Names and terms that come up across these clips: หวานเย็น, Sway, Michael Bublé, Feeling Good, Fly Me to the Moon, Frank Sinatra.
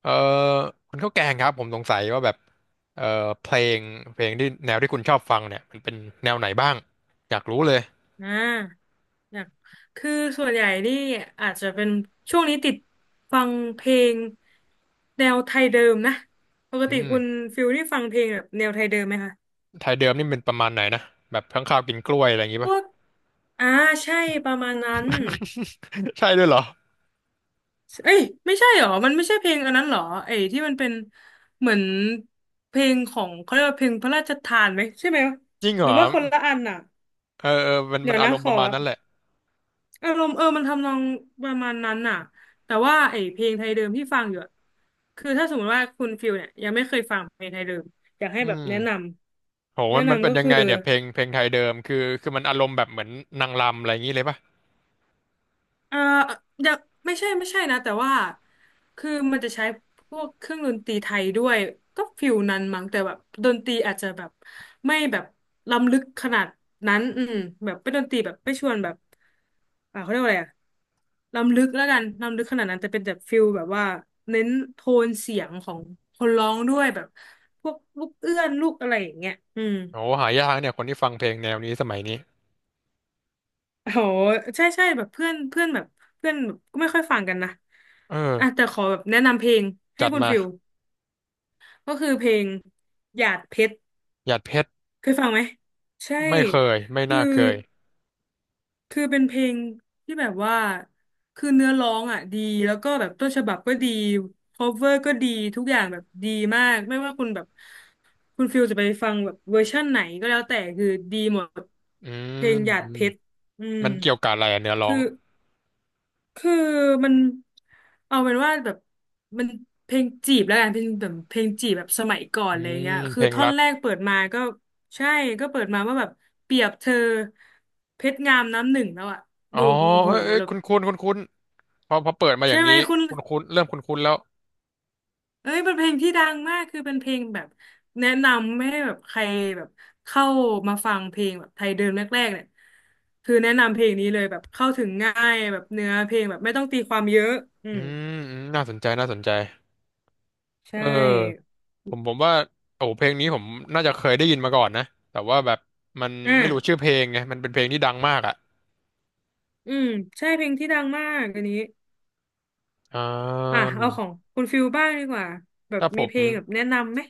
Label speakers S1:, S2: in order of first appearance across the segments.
S1: เออคุณข้าวแกงครับผมสงสัยว่าแบบเออเพลงเพลงที่แนวที่คุณชอบฟังเนี่ยมันเป็นแนวไหนบ้างอยากรู้เลย
S2: อ่าอยากคือส่วนใหญ่นี่อาจจะเป็นช่วงนี้ติดฟังเพลงแนวไทยเดิมนะปก
S1: อื
S2: ติคุณ
S1: ม
S2: ฟิลนี่ฟังเพลงแบบแนวไทยเดิมไหมคะ
S1: ไทยเดิมนี่เป็นประมาณไหนนะแบบข้างข้าวกินกล้วยอะไรอย่างงี้
S2: พ
S1: ป่ะ
S2: วกอ่าใช่ประมาณนั้น
S1: ใช่ด้วยเหรอ
S2: เอ้ยไม่ใช่หรอมันไม่ใช่เพลงอันนั้นหรอไอ้ที่มันเป็นเหมือนเพลงของเขาเรียกว่าเพลงพระราชทานไหมใช่ไหม
S1: จริงเห
S2: ห
S1: ร
S2: รือ
S1: อ
S2: ว่าคนละอันอ่ะ
S1: เออเออมัน
S2: เดี๋
S1: มั
S2: ย
S1: น
S2: ว
S1: อา
S2: นะ
S1: รม
S2: ข
S1: ณ์ป
S2: อ
S1: ระมาณนั้นแหละ
S2: อารมณ์มันทำนองประมาณนั้นน่ะแต่ว่าไอ้เพลงไทยเดิมที่ฟังอยู่อะคือถ้าสมมติว่าคุณฟิลเนี่ยยังไม่เคยฟังเพลงไทยเดิมอยากให้
S1: อื
S2: แบบแนะน
S1: มโห
S2: ำแนะ
S1: มันเป็
S2: นำ
S1: น
S2: ก็
S1: ยัง
S2: คือ
S1: ไงเนี่ยเพลงไทยเดิมคือคือมันอารมณ์แบบเหมือนนางรำอะไรอย่างงี้เลยป่ะ
S2: เอ่ออยากไม่ใช่ไม่ใช่นะแต่ว่าคือมันจะใช้พวกเครื่องดนตรีไทยด้วย ก็ฟิลนั้นมั้งแต่แบบดนตรีอาจจะแบบไม่แบบล้ำลึกขนาดนั้นอืมแบบเป็นดนตรีแบบไม่ชวนแบบเขาเรียกว่าอะไรอะล้ำลึกแล้วกันล้ำลึกขนาดนั้นแต่เป็นแบบฟิลแบบว่าเน้นโทนเสียงของคนร้องด้วยแบบพวกลูกเอื้อนลูกอะไรอย่างเงี้ยอืม
S1: โหหายากเนี่ยคนที่ฟังเพลงแนวนี้สมัยนี้
S2: โหใช่ใช่แบบเพื่อนเพื่อนแบบเพื่อนแบบก็ไม่ค่อยฟังกันนะ
S1: เอ
S2: อ่ะ
S1: อ
S2: แต่ขอแบบแนะนำเพลงให้
S1: จัด
S2: คุณ
S1: มา
S2: ฟิลก็คือเพลงหยาดเพชร
S1: หยาดเพชร
S2: เคยฟังไหม ใช่
S1: ไม่เคยไม่
S2: คือ
S1: น่าเคย
S2: คือเป็นเพลงที่แบบว่าคือเนื้อร้องอ่ะดีแล้วก็แบบต้นฉบับก็ดี cover ก็ดีทุกอย่างแบบดีมากไม่ว่าคุณแบบคุณฟิลจะไปฟังแบบเวอร์ชั่นไหนก็แล้วแต่คือดีหมด
S1: อื
S2: เพล
S1: ม
S2: งหยาดเพชรอืม
S1: มันเกี่ยวกับอะไรอะเนื้อร้อ
S2: คื
S1: ง
S2: อ คือมันเอาเป็นว่าแบบมันเพลงจีบแล้วกันเป็นแบบเพลงจีบแบบสมัยก่อน
S1: อื
S2: เลย
S1: ม
S2: เงี้ย
S1: เพ
S2: คือ
S1: ลง
S2: ท่อ
S1: รั
S2: น
S1: ก
S2: แรกเปิดมาก็ใช่ก็เปิดมาว่าแบบเปรียบเธอเพชรงามน้ำหนึ่งแล้วอะ
S1: อ๋อ
S2: ดูโอ้โห
S1: เอ้ยเอ้ย
S2: แบบ
S1: คุณคุณคุณคุณพอพอเปิดมาอ
S2: ใช่
S1: ย่าง
S2: ไหม
S1: นี้
S2: คุณ
S1: คุณคุณเริ่มคุณคุณแล้ว
S2: เอ้ยเป็นเพลงที่ดังมากคือเป็นเพลงแบบแนะนำไม่ให้แบบใครแบบเข้ามาฟังเพลงแบบไทยเดิมแรกๆเนี่ยคือแนะนำเพลงนี้เลยแบบเข้าถึงง่ายแบบเนื้อเพลงแบบไม่ต้องตีความเยอะอื
S1: อื
S2: ม
S1: มอืมน่าสนใจน่าสนใจ
S2: ใช
S1: เออ
S2: ่
S1: ผมว่าโอ้เพลงนี้ผมน่าจะเคยได้ยินมาก่อนนะแต่ว่าแบบมันไม่รู้
S2: อ่ะ
S1: ชื่อเพลงไงมันเป็นเพลงที่ดังมากอ่ะ
S2: อืมใช่เพลงที่ดังมากอันนี้
S1: อ่
S2: อ่ะ
S1: า
S2: เอาของคุณฟิลบ้างดีกว่าแบบ
S1: ถ้าผ
S2: มีเพ
S1: ม
S2: ลงแบบแนะนำไหม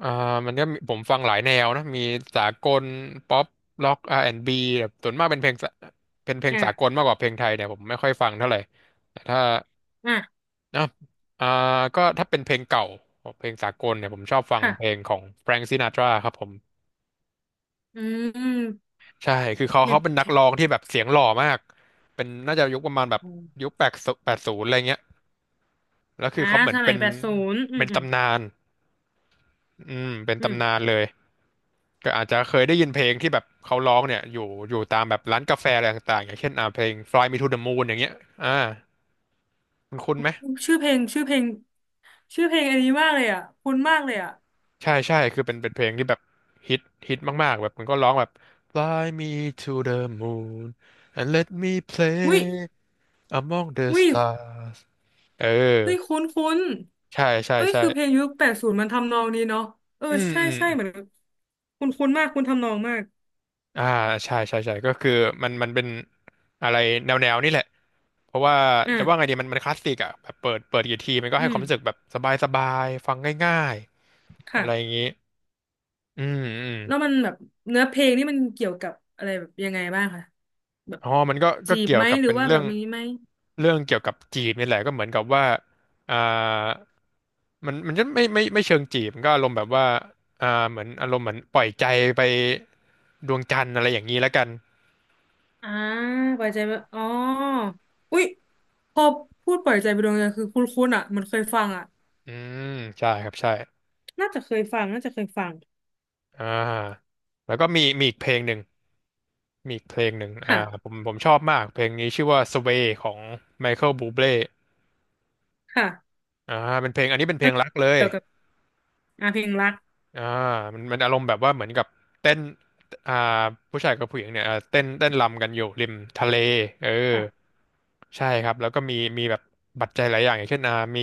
S1: อ่ามันก็มีผมฟังหลายแนวนะมีสากลป๊อปร็อก R&B แอนด์บแบบส่วนมากเป็นเพลงสาเป็นเพลง
S2: อ่ะ
S1: สากลมากกว่าเพลงไทยเนี่ยผมไม่ค่อยฟังเท่าไหร่แต่ถ้า
S2: อ่ะ
S1: เนาะอ่าก็ถ้าเป็นเพลงเก่าเพลงสากลเนี่ยผมชอบฟังเพลง
S2: ค่ะ
S1: ของแฟรง k ซินาตราครับผม
S2: อืม
S1: ใช่คือเขา
S2: มี
S1: เขาเป็น
S2: เพ
S1: นัก
S2: ลง
S1: ร้องที่แบบเสียงหล่อมากเป็นน่าจะยุคประมาณแบบยุคแปดแปดศูนย์อะไรเงี้ยแล้วคือ
S2: อ่า
S1: เขาเหมือ
S2: ส
S1: น
S2: มั
S1: เป็
S2: ย
S1: น
S2: แปดศูนย์อื
S1: เป็
S2: ม
S1: น
S2: อืม
S1: ตำนานอืมเป็นตำนานเลยก็อาจจะเคยได้ยินเพลงที่แบบเขาร้องเนี่ยอยู่อยู่ตามแบบร้านกาแฟอะไรต่างๆอย่างเช่นเพลง Fly Me to the Moon อย่างเงี้ยอ่าคุณคุ้นไหม
S2: อืมชื่อเพลงชื่อเพลงอันนี้มากเลยอ่ะคุ้นมากเลยอ่ะ
S1: ใช่ใช่คือเป็นเป็นเพลงที่แบบฮิตฮิตมากๆแบบมันก็ร้องแบบ Fly me to the moon and let me play
S2: วิ
S1: among the
S2: วิ
S1: stars เออ
S2: วิคุ้นคุ้น
S1: ใช่ใช่
S2: เอ้ย
S1: ใช่
S2: คือเพลงยุคแปดศูนย์มันทำนองนี้เนาะเออ
S1: อืม
S2: ใช่
S1: อืม
S2: ใช่
S1: อ
S2: เหมือน
S1: ม
S2: คุ้นคุ้นมากคุ้นทำนองมาก
S1: อ่าใช่ใช่ใช่ก็คือมันเป็นอะไรแนวแนวนี่แหละเพราะว่าจะว่าไง
S2: อ่ะ
S1: ดีมันคลาสสิกอ่ะแบบเปิดเปิดกี่ทีมันก็
S2: อื
S1: ให้ค
S2: ม
S1: วามรู้สึกแบบสบายสบายฟังง่ายๆอะไรอย่าง
S2: ค่ะ
S1: นี้อืมอืม
S2: แล้วมันแบบเนื้อเพลงนี่มันเกี่ยวกับอะไรแบบยังไงบ้างคะแบบ
S1: อ๋อมันก็ก็
S2: จีบ
S1: เกี่ยว
S2: ไหม
S1: กับ
S2: หรือ
S1: เป็น
S2: ว่า
S1: เรื่
S2: แบ
S1: อ
S2: บ
S1: ง
S2: นี้ไหม
S1: เรื่องเกี่ยวกับจีบนี่แหละก็เหมือนกับว่าอ่ามันจะไม่เชิงจีบมันก็อารมณ์แบบว่าเหมือนอารมณ์เหมือนปล่อยใจไปดวงจันทร์อะไรอย่างนี้แล้วกัน
S2: อ่าปล่อยใจไปอ๋ออุ๊ยพอพูดปล่อยใจไปดวงใจคือคุ้นๆอ่ะเหมันเคยฟังอ่ะ
S1: อืม ใช่ครับ ใช่
S2: น่าจะเคยฟังน่าจะเคยฟัง
S1: อ่าแล้วก็มีอีกเพลงหนึ่งมีอีกเพลงหนึ่งอ่าผ
S2: ค่ะ
S1: มผมชอบมากเพลงนี้ชื่อว่า Sway ของไมเคิลบูเบ é
S2: ค่ะ
S1: อ่าเป็นเพลงอันนี้เป็นเพ
S2: แล้
S1: ล
S2: ว
S1: งรักเลย
S2: เกี่ยวกับเพลงรัก
S1: อ่ามันอารมณ์แบบว่าเหมือนกับเต้นอ่าผู้ชายกับผู้หญิงเนี่ยเต้นรำกันอยู่ริมทะเลเออ
S2: ค่ะ
S1: ใช่ครับแล้วก็มีแบบปัจจัยหลายอย่างอย่างเช่นมี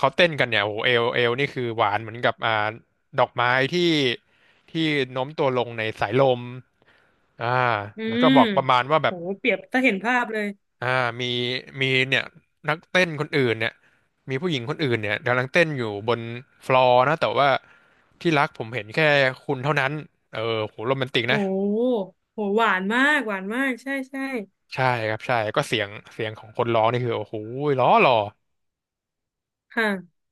S1: เขาเต้นกันเนี่ยโอ้โหเอลนี่คือหวานเหมือนกับดอกไม้ที่ที่โน้มตัวลงในสายลมอ่า
S2: อื
S1: แล้วก็
S2: ม
S1: บอกประมาณว่าแบ
S2: โห
S1: บ
S2: เปรียบถ้าเห็นภาพเลย
S1: อ่ามีมีเนี่ยนักเต้นคนอื่นเนี่ยมีผู้หญิงคนอื่นเนี่ยกำลังเต้นอยู่บนฟลอร์นะแต่ว่าที่รักผมเห็นแค่คุณเท่านั้นเออโหโรแมนติกนะ
S2: โหหวานมากหวานมากใช่ใช่
S1: ใช่ครับใช่ก็เสียงของคนร้องนี่คือโอ้โหล้อหล่อ
S2: ค่ะ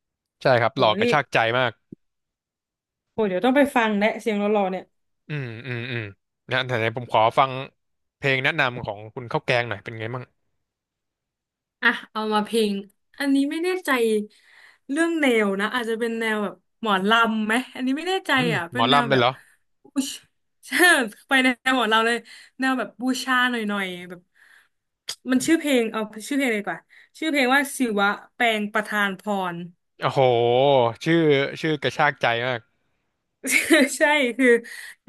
S1: ใช่ครับ
S2: โห
S1: หล่อกระ
S2: นี่
S1: ชากใจมาก
S2: โหเดี๋ยวต้องไปฟังและเสียงหล่อๆเนี่ย
S1: อืมอืมอืมนะแต่ไหนผมขอฟังเพลงแนะนำของคุณข้าวแกงหน่อยเป็นไงบ้าง
S2: อ่ะเอามาเพลงอันนี้ไม่แน่ใจเรื่องแนวนะอาจจะเป็นแนวแบบหมอลำไหมอันนี้ไม่แน่ใจ
S1: อืม
S2: อ่ะ
S1: หม
S2: เป็
S1: อ
S2: นแนว
S1: ลำเล
S2: แบ
S1: ยเห
S2: บ
S1: รอ
S2: บูชิ ญไปแนวหมอลำเลยแนวแบบบูชาหน่อยๆแบบมันชื่อเพลงเอาชื่อเพลงเลยดีกว่าชื่อเพลงว่าศิวะแปลงประธานพร
S1: โอ้โหชื่อชื่อกระชากใจมาก
S2: ใช่คือ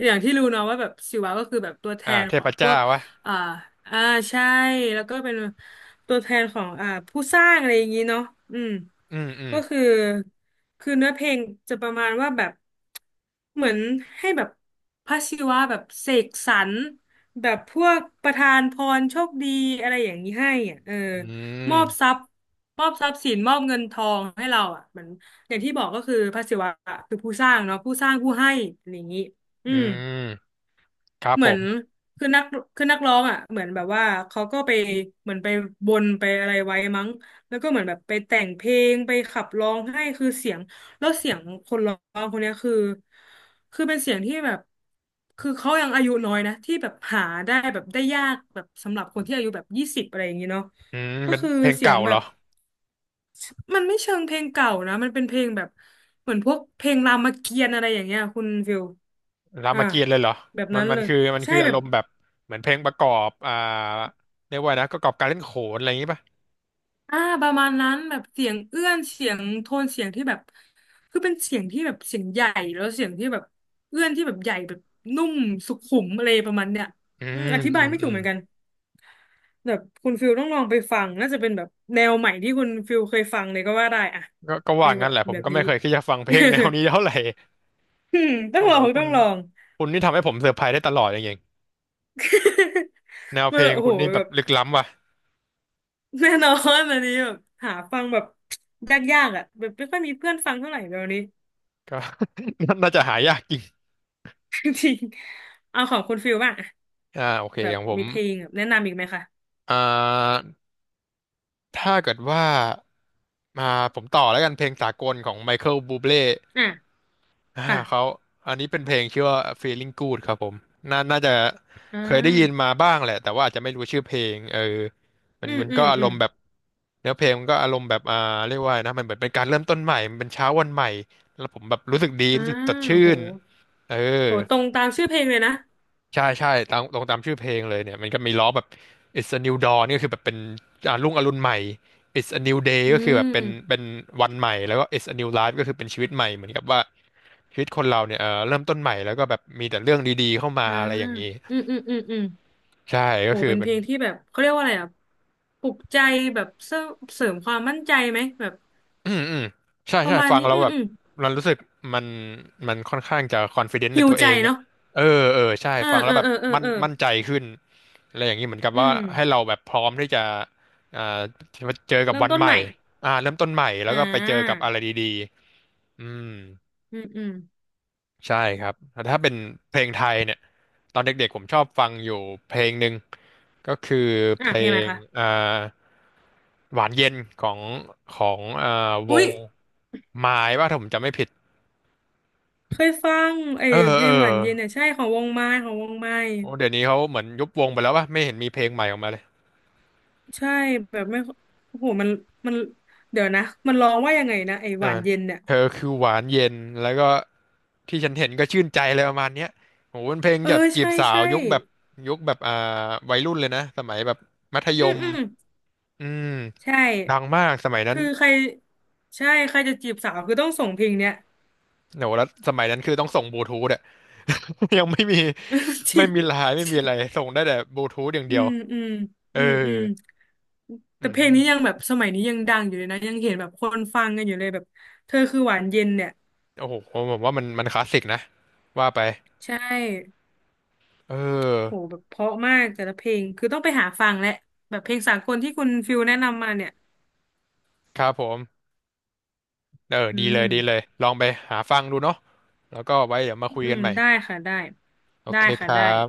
S2: อย่างที่รู้เนาะว่าแบบศิวะก็คือแบบตัวแทน
S1: เท
S2: ขอ
S1: พ
S2: งพว
S1: เจ้า
S2: ก
S1: วะ
S2: อ่าอ่าใช่แล้วก็เป็นตัวแทนของผู้สร้างอะไรอย่างนี้เนาะอืม
S1: อืมอืม
S2: ก็คือคือเนื้อเพลงจะประมาณว่าแบบเหมือนให้แบบพระศิวะแบบเสกสรรแบบพวกประทานพรโชคดีอะไรอย่างนี้ให้อ่ะเออ
S1: อื
S2: มอบท
S1: ม
S2: รัพย์มอบทรัพย์สินมอบเงินทองให้เราอ่ะเหมือน อย่างที่บอกก็คือพระศิวะคือผู้สร้างเนาะผู้สร้างผู้ให้อะไรอย่างนี้อื
S1: อื
S2: ม
S1: มครับ
S2: เห
S1: ผ
S2: มือน
S1: ม
S2: คือนักคือนักร้องอ่ะเหมือนแบบว่าเขาก็ไปเหมือนไปบนไปอะไรไว้มั้งแล้วก็เหมือนแบบไปแต่งเพลงไปขับร้องให้คือเสียงแล้วเสียงคนร้องคนเนี้ยคือคือเป็นเสียงที่แบบคือเขายังอายุน้อยนะที่แบบหาได้แบบได้ยากแบบสำหรับคนที่อายุแบบยี่สิบอะไรอย่างนี้เนาะ
S1: อืม
S2: ก็
S1: เป็น
S2: คือ
S1: เพลง
S2: เสียง
S1: เก่า
S2: แบ
S1: เหรอ
S2: บ มันไม่เชิงเพลงเก่านะมันเป็นเพลงแบบเหมือนพวกเพลงรามเกียรติ์อะไรอย่างเงี้ยคุณฟิล
S1: รา
S2: อ่า
S1: มเกียรติ์เลยเหรอ
S2: แบบ
S1: มั
S2: นั้
S1: น
S2: น
S1: มั
S2: เล
S1: น
S2: ย
S1: คือมัน
S2: ใช่
S1: คืออา
S2: แบ
S1: ร
S2: บ
S1: มณ์แบบเหมือนเพลงประกอบเรียกว่านะประกอบการเล่นโขนอะไรอย่างงี้ป่ะ
S2: ประมาณนั้นแบบเสียงเอื้อนเสียงโทนเสียงที่แบบคือเป็นเสียงที่แบบเสียงใหญ่แล้วเสียงที่แบบเอื้อนที่แบบใหญ่แบบนุ่มสุขุมอะไรประมาณเนี้ย
S1: อื
S2: อืม
S1: ม
S2: อธิ
S1: อื
S2: บาย
S1: ม
S2: ไม่
S1: อื
S2: ถูก
S1: ม
S2: เหมือนกันแบบคุณฟิลต้องลองไปฟังน่าจะเป็นแบบแนวใหม่ที่คุณฟิลเคยฟังเลยก็ว่าได้อ่ะ
S1: ก็ก็
S2: เพ
S1: ว่า
S2: ลงแบ
S1: งั้น
S2: บ
S1: แหละผ
S2: แบ
S1: ม
S2: บ
S1: ก็ไม่
S2: นี้
S1: เคยคิดจะฟังเพลงแนวนี้เท่าไห ร่
S2: อืมต้อง
S1: โอ้
S2: ล
S1: โห
S2: อง
S1: คุ
S2: ต้อ
S1: ณ
S2: งลอง
S1: คุณนี่ทำให้ผมเซอร์ไพรส์ได้ตลอดอย่างเงี้ย แนวเพ
S2: มัน
S1: ล
S2: แบ
S1: ง
S2: บโอ้
S1: คุ
S2: โห
S1: ณนี่แบ
S2: แบ
S1: บ
S2: บ
S1: ลึกล้ำว่ะ
S2: แน่นอนอันนี้แบบหาฟังแบบยากๆอ่ะแบบไม่ค่อยมีเพื่อนฟังเท่าไหร่เดี๋ยวนี้
S1: ก็ น่าจะหายากจริง
S2: จริงเอาของคุณฟิลบ้างอะ
S1: โอเค
S2: แบบ
S1: ของผ
S2: มี
S1: ม
S2: เพลงแบบแนะนำอีกไหมคะ
S1: อ่าถ้าเกิดว่ามาผมต่อแล้วกันเพลงสากลของไมเคิลบูเบ é
S2: อ่ะ
S1: อ่าเขา
S2: ค่ะ
S1: อันนี้เป็นเพลงชื่อว่า Feeling Good ครับผมน่าจะ
S2: อ่
S1: เคยได้ยิน
S2: า
S1: มาบ้างแหละแต่ว่าอาจจะไม่รู้ชื่อเพลงมัน
S2: อืม
S1: มัน
S2: อื
S1: ก็
S2: ม
S1: อาร
S2: อืม
S1: มณ์แบบเนื้อเพลงมันก็อารมณ์แบบเรียกว่าไงนะมันเหมือนเป็นการเริ่มต้นใหม่มันเป็นเช้าวันใหม่แล้วผมแบบรู้สึกดี
S2: อ่า
S1: รู้สึกสดชื่
S2: โอ้โห
S1: นเออ
S2: โหตรงตามชื่อเพลงเลยนะ
S1: ใช่ใช่ตามตรงตามชื่อเพลงเลยเนี่ยมันก็มีล้อแบบ It's a new dawn ก็คือแบบเป็นรุ่งอรุณใหม่ It's a new day
S2: อื
S1: ก็คือแบบเป็น
S2: ม
S1: เป็นวันใหม่แล้วก็ It's a new life ก็คือเป็นชีวิตใหม่เหมือนกับว่าชีวิตคนเราเนี่ยเออเริ่มต้นใหม่แล้วก็แบบมีแต่เรื่องดีๆเข้ามา
S2: อ่า
S1: อะไรอย่างนี้
S2: อืมอืมอืมอืม
S1: ใช่ก็
S2: โห
S1: คือ
S2: เป็น
S1: เป็
S2: เพ
S1: น
S2: ลงที่แบบเขาเรียกว่าอะไรอ่ะปลุกใจแบบเสริมความมั่นใจไหมแบบ
S1: อืมอืมใช่
S2: ประ
S1: ใช่
S2: มาณ
S1: ฟัง
S2: นี้
S1: แล้ว
S2: อืม
S1: แบบ
S2: อืม
S1: มันรู้สึกมันมันค่อนข้างจะคอนฟ idence ใน
S2: ฮิว
S1: ตัว
S2: ใจ
S1: เองอ่ะ
S2: เนาะ
S1: เออเออใช่
S2: เออ
S1: ฟัง
S2: เอ
S1: แล้ว
S2: อ
S1: แบบ
S2: เออเออ
S1: มั่น
S2: เออ
S1: มั่นใจขึ้นอะไรอย่างนี้เหมือนกับ
S2: อื
S1: ว่า
S2: ม
S1: ให้เราแบบพร้อมที่จะอ่าเจอกับ
S2: เริ่ม
S1: วัน
S2: ต้น
S1: ให
S2: ให
S1: ม่
S2: ม่
S1: เริ่มต้นใหม่แล้
S2: อ่
S1: วก็ไปเจอกับ
S2: า
S1: อะไรดีๆอืม
S2: อืมอืม
S1: ใช่ครับ แต่ถ้าเป็นเพลงไทยเนี่ย ตอนเด็กๆผมชอบฟังอยู่เพลงหนึ่งก็คือเพ
S2: อ่ะ
S1: ล
S2: เพลงอะไร
S1: ง
S2: คะ
S1: อ่าหวานเย็นของของว
S2: อุ๊ย
S1: งไม้ว่าถ้าผมจำไม่ผิด
S2: เคยฟังไอ้
S1: เออ
S2: เพล
S1: เอ
S2: งห
S1: อ
S2: วานเย็นเนี่ยใช่ของวงไม้
S1: โอ้เดี๋ยวนี้เขาเหมือนยุบวงไปแล้วว่าไม่เห็นมีเพลงใหม่ออกมาเลย
S2: ใช่แบบไม่โอ้โหมันเดี๋ยวนะมันร้องว่ายังไงนะไอ้ห
S1: อ่า
S2: วานเย็นเนี่ย
S1: เธอคือหวานเย็น แล้วก็ที่ฉันเห็นก็ชื่นใจเลยประมาณเนี้ยโหเป็นเพลง
S2: เออ
S1: แบบจีบ
S2: ใช่
S1: สาว
S2: ใช่
S1: ยุคแบบยุคแบบวัยรุ่นเลยนะสมัยแบบมัธย
S2: อืม
S1: ม
S2: อืม
S1: อืม
S2: ใช่
S1: ดังมากสมัยนั้น
S2: คือใครใช่ใครจะจีบสาวคือต้องส่งเพลงเนี้ย
S1: โหแล้วสมัยนั้นคือต้องส่งบลูทูธอะ ยังไม่มี
S2: จริ
S1: ไม่
S2: ง
S1: มีไลน์ไม่มีอะไรส่งได้แต่บลูทูธอย่าง
S2: อื
S1: เดียว
S2: มอืม
S1: เออ
S2: อืมอืม
S1: อื
S2: แต่เพลงนี้ยัง
S1: ม
S2: แบบสมัยนี้ยังดังอยู่เลยนะยังเห็นแบบคนฟังกันอยู่เลยแบบเธอคือหวานเย็นเนี่ย
S1: โอ้โหผมว่ามันมันคลาสสิกนะว่าไป
S2: ใช่
S1: เออ
S2: โหแบบเพราะมากแต่ละเพลงคือต้องไปหาฟังแหละแบบเพลงสากลที่คุณฟิลแนะนำมาเนี่ย
S1: ครับผมเออ
S2: อื
S1: ดีเลยดีเลย
S2: ม
S1: ลองไปหาฟังดูเนาะแล้วก็ไว้เดี๋ยวมาคุย
S2: อื
S1: กั
S2: ม
S1: นใหม่
S2: ได้ค่ะได้
S1: โอ
S2: ได้
S1: เคค
S2: ค่ะได้
S1: รับ